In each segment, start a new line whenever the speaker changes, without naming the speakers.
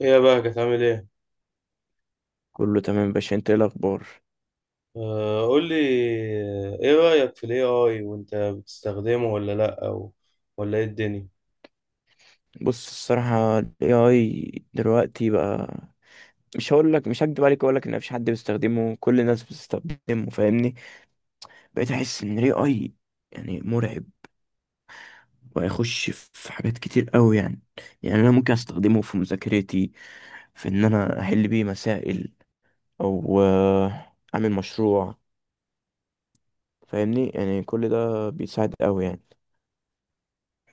ايه يا بقى كانت عامل ايه؟
كله تمام يا باشا، انت ايه الاخبار؟
آه، قول لي. ايه رأيك في الاي اي وانت بتستخدمه ولا لا، ولا ايه الدنيا؟
بص، الصراحه ال AI دلوقتي بقى، مش هقول لك، مش هكدب عليك، اقول لك ان مفيش حد بيستخدمه، كل الناس بتستخدمه فاهمني. بقيت احس ان ال AI يعني مرعب، وهيخش في حاجات كتير قوي يعني. يعني انا ممكن استخدمه في مذاكرتي، في ان انا احل بيه مسائل، او اعمل مشروع. فاهمني، يعني كل ده بيساعد قوي يعني.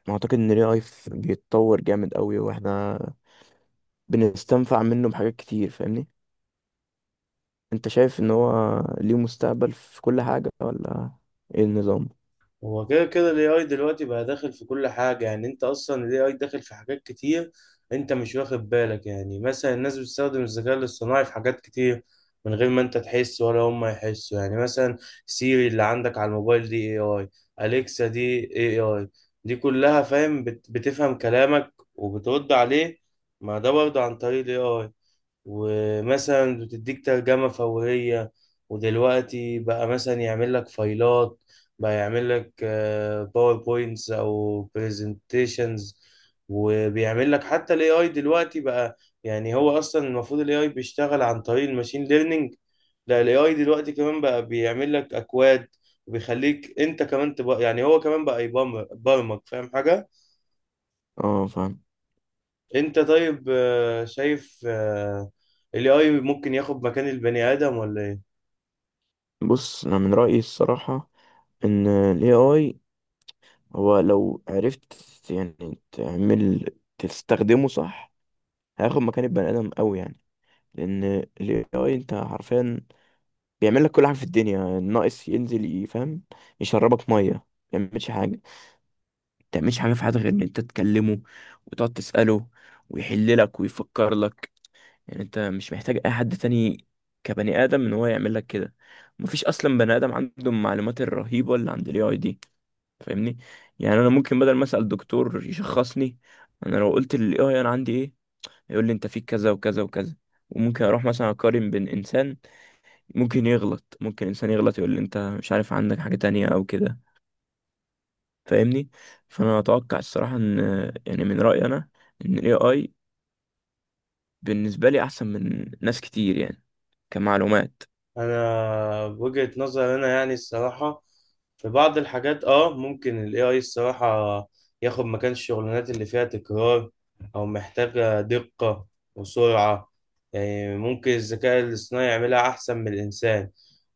اعتقد ان ال AI بيتطور جامد قوي، واحنا بنستنفع منه بحاجات كتير فاهمني. انت شايف ان هو ليه مستقبل في كل حاجة، ولا ايه النظام؟
هو كده كده ال AI دلوقتي بقى داخل في كل حاجة، يعني انت اصلا ال AI داخل في حاجات كتير. انت مش واخد بالك، يعني مثلا الناس بتستخدم الذكاء الاصطناعي في حاجات كتير من غير ما انت تحس ولا هم يحسوا، يعني مثلا سيري اللي عندك على الموبايل دي AI، أليكسا دي AI، دي كلها فاهم بتفهم كلامك وبترد عليه. ما ده برضه عن طريق ال AI، ومثلا بتديك ترجمة فورية، ودلوقتي بقى مثلا يعمل لك فايلات، بقى يعمل لك باوربوينتس او برزنتيشنز، وبيعمل لك حتى الاي اي دلوقتي بقى. يعني هو اصلا المفروض الاي اي بيشتغل عن طريق الماشين ليرنينج، لا الاي اي دلوقتي كمان بقى بيعمل لك اكواد، وبيخليك انت كمان تبقى، يعني هو كمان بقى يبرمج، فاهم حاجة؟
اه فاهم.
انت طيب، شايف الاي اي ممكن ياخد مكان البني ادم ولا ايه؟
بص، انا من رأيي الصراحة ان ال AI هو لو عرفت يعني تعمل، تستخدمه صح، هياخد مكان البني ادم قوي يعني. لان ال AI انت حرفيا بيعمل لك كل حاجة في الدنيا، ناقص ينزل يفهم يشربك مية. ما بيعملش حاجة، ما بتعملش حاجة في حياتك غير ان انت تكلمه وتقعد تسأله، ويحللك ويفكر لك. يعني انت مش محتاج اي حد تاني كبني ادم ان هو يعمل لك كده. مفيش اصلا بني ادم عنده المعلومات الرهيبه اللي عند الاي اي دي فاهمني. يعني انا ممكن بدل ما اسال دكتور يشخصني، انا لو قلت للاي اي انا عندي ايه، يقول لي انت فيك كذا وكذا وكذا. وممكن اروح مثلا اقارن بين انسان، ممكن يغلط، ممكن انسان يغلط يقول لي انت مش عارف عندك حاجه تانية او كده فاهمني. فانا اتوقع الصراحه ان، يعني من رايي انا، ان الاي اي بالنسبه لي احسن من ناس كتير يعني، كمعلومات.
انا بوجهة نظر انا، يعني الصراحة في بعض الحاجات ممكن ال AI الصراحة ياخد مكان الشغلانات اللي فيها تكرار او محتاجة دقة وسرعة، يعني ممكن الذكاء الاصطناعي يعملها احسن من الانسان،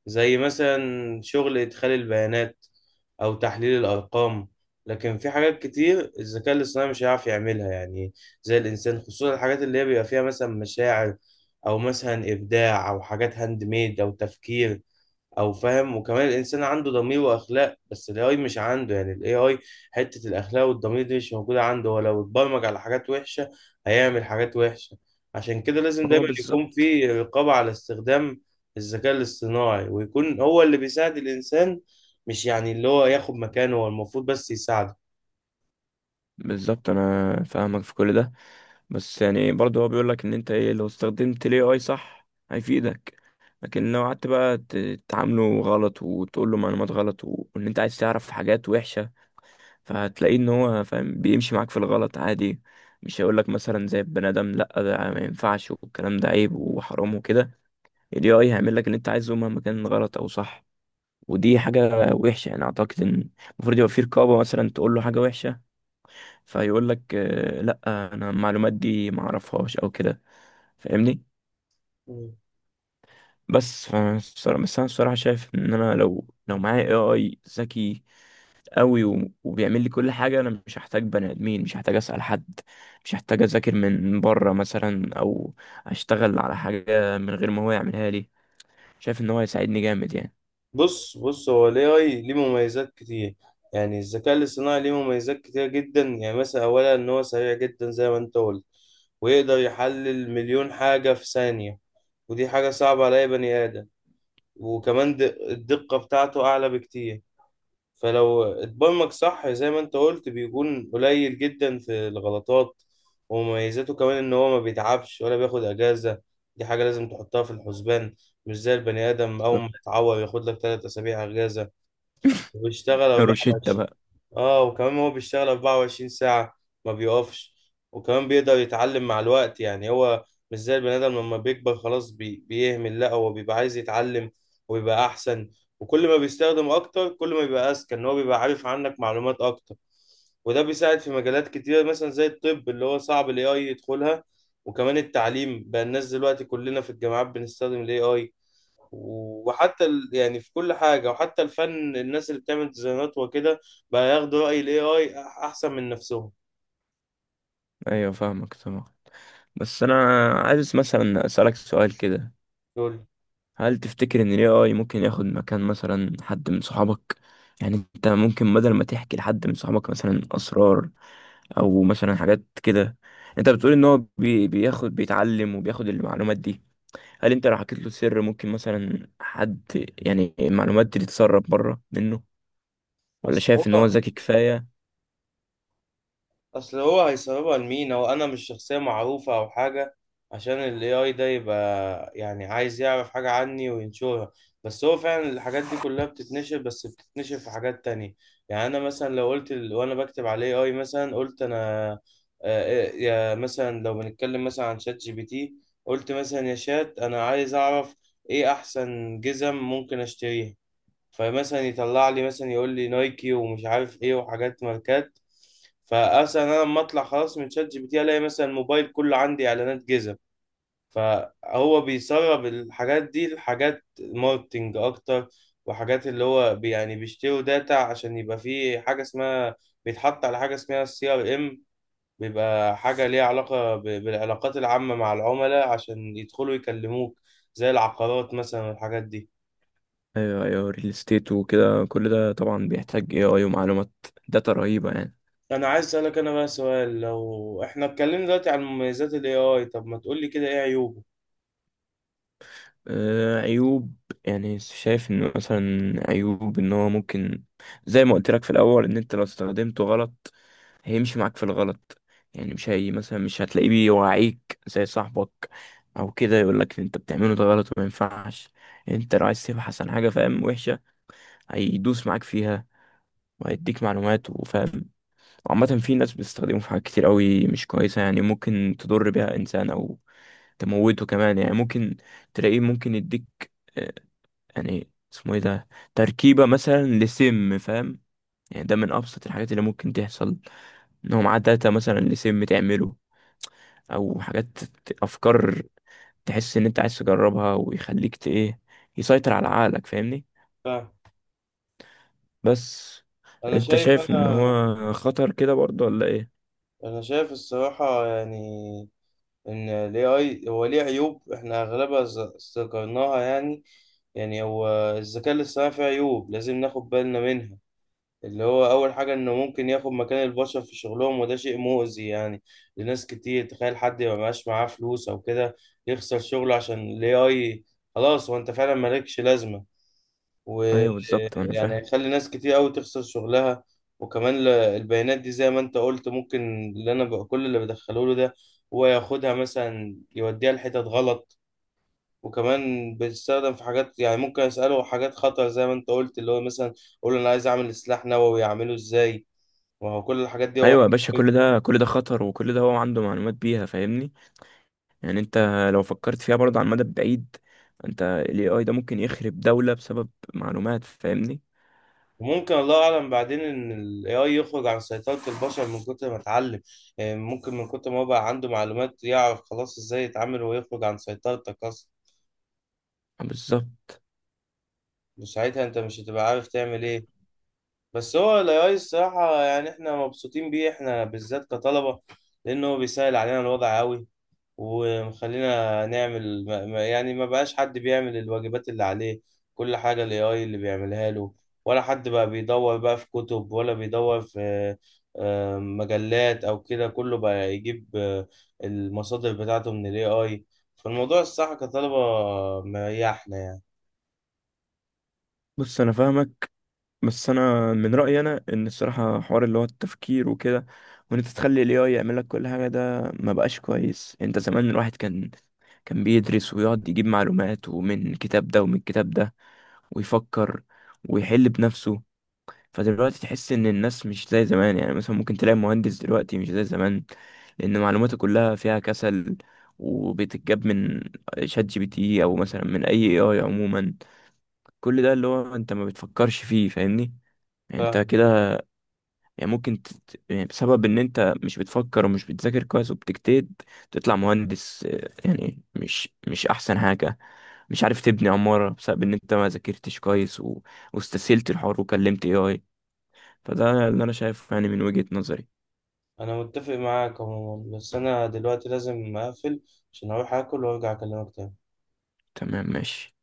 زي مثلا شغل ادخال البيانات او تحليل الارقام. لكن في حاجات كتير الذكاء الاصطناعي مش هيعرف يعملها، يعني زي الانسان، خصوصا الحاجات اللي هي بيبقى فيها مثلا مشاعر، او مثلا ابداع، او حاجات هاند ميد، او تفكير، او فاهم. وكمان الانسان عنده ضمير واخلاق، بس الاي اي مش عنده، يعني الاي اي حته الاخلاق والضمير دي مش موجوده عنده، هو لو اتبرمج على حاجات وحشه هيعمل حاجات وحشه. عشان كده لازم
هو
دايما يكون
بالظبط.
في رقابه على استخدام الذكاء الاصطناعي، ويكون هو اللي بيساعد الانسان، مش يعني اللي هو ياخد مكانه، هو المفروض بس يساعده.
بالظبط، انا فاهمك في كل ده. بس يعني برضه هو بيقول لك ان انت ايه، لو استخدمت الاي اي صح هيفيدك، لكن لو قعدت بقى تعامله غلط وتقول له معلومات غلط، و- وان انت عايز تعرف حاجات وحشة، فهتلاقيه ان هو فاهم بيمشي معاك في الغلط عادي. مش هيقول لك مثلا زي البني ادم لا ده ما ينفعش والكلام ده عيب وحرام وكده. الاي اي هيعمل لك اللي انت عايزه مهما كان غلط او صح. ودي حاجة وحشة. يعني اعتقد ان المفروض يبقى في رقابة. مثلا تقول له حاجة وحشة فيقول لك لا، انا المعلومات دي ما اعرفهاش او كده فاهمني. بس انا الصراحه شايف ان انا لو معايا اي اي ذكي قوي و- وبيعمل لي كل حاجه، انا مش هحتاج بني ادمين، مش هحتاج اسال حد، مش هحتاج اذاكر من بره مثلا، او اشتغل على حاجه من غير ما هو يعملها لي. شايف ان هو هيساعدني جامد يعني.
بص بص، هو ال AI ليه مميزات كتير، يعني الذكاء الاصطناعي ليه مميزات كتير جدا، يعني مثلا أولا إن هو سريع جدا زي ما أنت قلت، ويقدر يحلل مليون حاجة في ثانية، ودي حاجة صعبة على أي بني آدم. وكمان الدقة بتاعته أعلى بكتير، فلو اتبرمج صح زي ما انت قلت بيكون قليل جدا في الغلطات. ومميزاته كمان ان هو ما بيتعبش ولا بياخد اجازة، دي حاجة لازم تحطها في الحسبان، مش زي البني ادم اول
بالظبط.
ما يتعور ياخد لك 3 اسابيع اجازة. وبيشتغل
روشيتا
24،
بقى.
اه وكمان هو بيشتغل 24 ساعة، ما بيقفش. وكمان بيقدر يتعلم مع الوقت، يعني هو مش زي البني آدم لما بيكبر خلاص بيهمل، لا هو بيبقى عايز يتعلم ويبقى أحسن، وكل ما بيستخدم أكتر كل ما بيبقى أذكى، إن هو بيبقى عارف عنك معلومات أكتر. وده بيساعد في مجالات كتيرة، مثلا زي الطب اللي هو صعب ال AI يدخلها، وكمان التعليم بقى، الناس دلوقتي كلنا في الجامعات بنستخدم ال AI، وحتى يعني في كل حاجة، وحتى الفن الناس اللي بتعمل ديزاينات وكده بقى ياخدوا رأي ال AI أحسن من نفسهم.
ايوه فاهمك طبعا. بس انا عايز مثلا اسالك سؤال كده.
دول
هل تفتكر ان ال AI ممكن ياخد مكان مثلا حد من صحابك؟ يعني انت ممكن بدل ما تحكي لحد من صحابك مثلا اسرار، او مثلا حاجات كده. انت بتقول ان هو بياخد، بيتعلم وبياخد المعلومات دي. هل انت لو حكيت له سر، ممكن مثلا حد، يعني المعلومات دي تتسرب بره منه، ولا
بس
شايف ان هو
هو،
ذكي كفاية؟
اصل هو هيسببها لمين؟ هو انا مش شخصيه معروفه او حاجه عشان الاي اي ده يبقى يعني عايز يعرف حاجه عني وينشرها، بس هو فعلا الحاجات دي كلها بتتنشر، بس بتتنشر في حاجات تانية. يعني انا مثلا لو قلت وانا بكتب على الاي اي مثلا قلت انا، آه، آه، يا مثلا لو بنتكلم مثلا عن شات جي بي تي، قلت مثلا يا شات انا عايز اعرف ايه احسن جزم ممكن اشتريها، فمثلا يطلع لي مثلا يقول لي نايكي ومش عارف ايه وحاجات ماركات. فاصلا انا لما اطلع خلاص من شات جي بي تي الاقي مثلا الموبايل كله عندي اعلانات جزم، فهو بيسرب الحاجات دي لحاجات ماركتنج اكتر، وحاجات اللي هو يعني بيشتروا داتا عشان يبقى فيه حاجه اسمها، بيتحط على حاجه اسمها CRM، بيبقى حاجه ليها علاقه بالعلاقات العامه مع العملاء عشان يدخلوا يكلموك، زي العقارات مثلا والحاجات دي.
ايوه ايوه، ريل استيت وكده، كل ده طبعا بيحتاج AI ومعلومات، داتا رهيبة يعني.
انا عايز اسالك انا بقى سؤال، لو احنا اتكلمنا دلوقتي عن مميزات الاي اي، طب ما تقول لي كده ايه عيوبه؟
عيوب، يعني شايف انه مثلا، عيوب ان هو ممكن، زي ما قلت لك في الاول، ان انت لو استخدمته غلط هيمشي معاك في الغلط. يعني مش هي مثلا مش هتلاقيه بيوعيك زي صاحبك او كده يقول لك انت بتعمله ده غلط وما ينفعش. انت لو عايز تبحث عن حاجه فاهم وحشه، هيدوس معاك فيها، وهيديك معلومات وفاهم. وعامه في ناس بتستخدمه في حاجات كتير قوي مش كويسه، يعني ممكن تضر بيها انسان او تموته كمان. يعني ممكن تلاقيه ممكن يديك آه، يعني اسمه ايه ده، تركيبة مثلا لسم فاهم. يعني ده من أبسط الحاجات اللي ممكن تحصل، إن هو معاه داتا مثلا لسم تعمله، أو حاجات أفكار تحس إن أنت عايز تجربها، ويخليك إيه، يسيطر على عقلك فاهمني.
فاهم؟
بس
انا
أنت
شايف
شايف
انا
إن هو خطر كده برضه ولا إيه؟
انا شايف الصراحه، يعني ان الاي اي هو ليه عيوب احنا اغلبها ذكرناها، يعني يعني هو الذكاء الاصطناعي فيه عيوب لازم ناخد بالنا منها. اللي هو اول حاجه انه ممكن ياخد مكان البشر في شغلهم، وده شيء مؤذي يعني لناس كتير، تخيل حد ما بقاش معاه فلوس او كده يخسر شغله عشان الاي اي، خلاص هو انت فعلا مالكش لازمه،
أيوه بالظبط، أنا
ويعني
فاهم.
هيخلي ناس كتير قوي تخسر شغلها. وكمان البيانات دي زي ما انت قلت ممكن اللي انا بقى كل اللي بدخله له ده، هو ياخدها مثلا يوديها لحتت غلط. وكمان بيستخدم في حاجات، يعني ممكن اساله حاجات خطر زي ما انت قلت، اللي هو مثلا اقول له انا عايز اعمل سلاح نووي اعمله ازاي، وهو كل الحاجات دي هو
أيوه يا باشا، كل ده كل ده خطر، وكل ده هو عنده معلومات بيها فاهمني. يعني انت لو فكرت فيها برضه على المدى البعيد، انت ال AI ده ممكن يخرب دولة بسبب معلومات فاهمني.
وممكن الله اعلم بعدين ان الاي اي يخرج عن سيطرة البشر من كتر ما اتعلم، يعني ممكن من كتر ما هو بقى عنده معلومات يعرف خلاص ازاي يتعامل ويخرج عن سيطرتك اصلا،
بالظبط.
وساعتها انت مش هتبقى عارف تعمل ايه. بس هو الاي الصراحة يعني احنا مبسوطين بيه، احنا بالذات كطلبة، لانه هو بيسهل علينا الوضع قوي، ومخلينا نعمل يعني ما بقاش حد بيعمل الواجبات اللي عليه، كل حاجة الاي اي اللي بيعملها له، ولا حد بقى بيدور بقى في كتب ولا بيدور في مجلات او كده، كله بقى يجيب المصادر بتاعته من الاي اي، فالموضوع الصح كطلبة مريحنا يعني.
بص انا فاهمك، بس انا من رأيي انا ان الصراحة حوار اللي هو التفكير وكده، وان انت تخلي ال AI يعمل لك كل حاجة، ده ما بقاش كويس. انت زمان الواحد كان بيدرس ويقعد يجيب معلومات، ومن كتاب ده ومن كتاب ده، ويفكر ويحل بنفسه. فدلوقتي تحس ان الناس مش زي زمان، يعني مثلا ممكن تلاقي مهندس دلوقتي مش زي زمان، لان معلوماته كلها فيها كسل، وبتتجاب من شات جي بي تي، او مثلا من اي اي اي عموما. كل ده اللي هو انت ما بتفكرش فيه فاهمني. يعني انت
فاهم،
كده، يعني يعني بسبب ان انت مش بتفكر ومش بتذاكر كويس وبتجتهد، تطلع مهندس، يعني مش احسن حاجة، مش عارف تبني عمارة، بسبب ان انت ما ذاكرتش كويس واستسهلت الحوار وكلمت اي اي. فده اللي انا شايفه يعني من وجهة نظري.
انا متفق معاك عموما، بس انا دلوقتي لازم اقفل عشان اروح اكل وارجع اكلمك تاني.
تمام ماشي.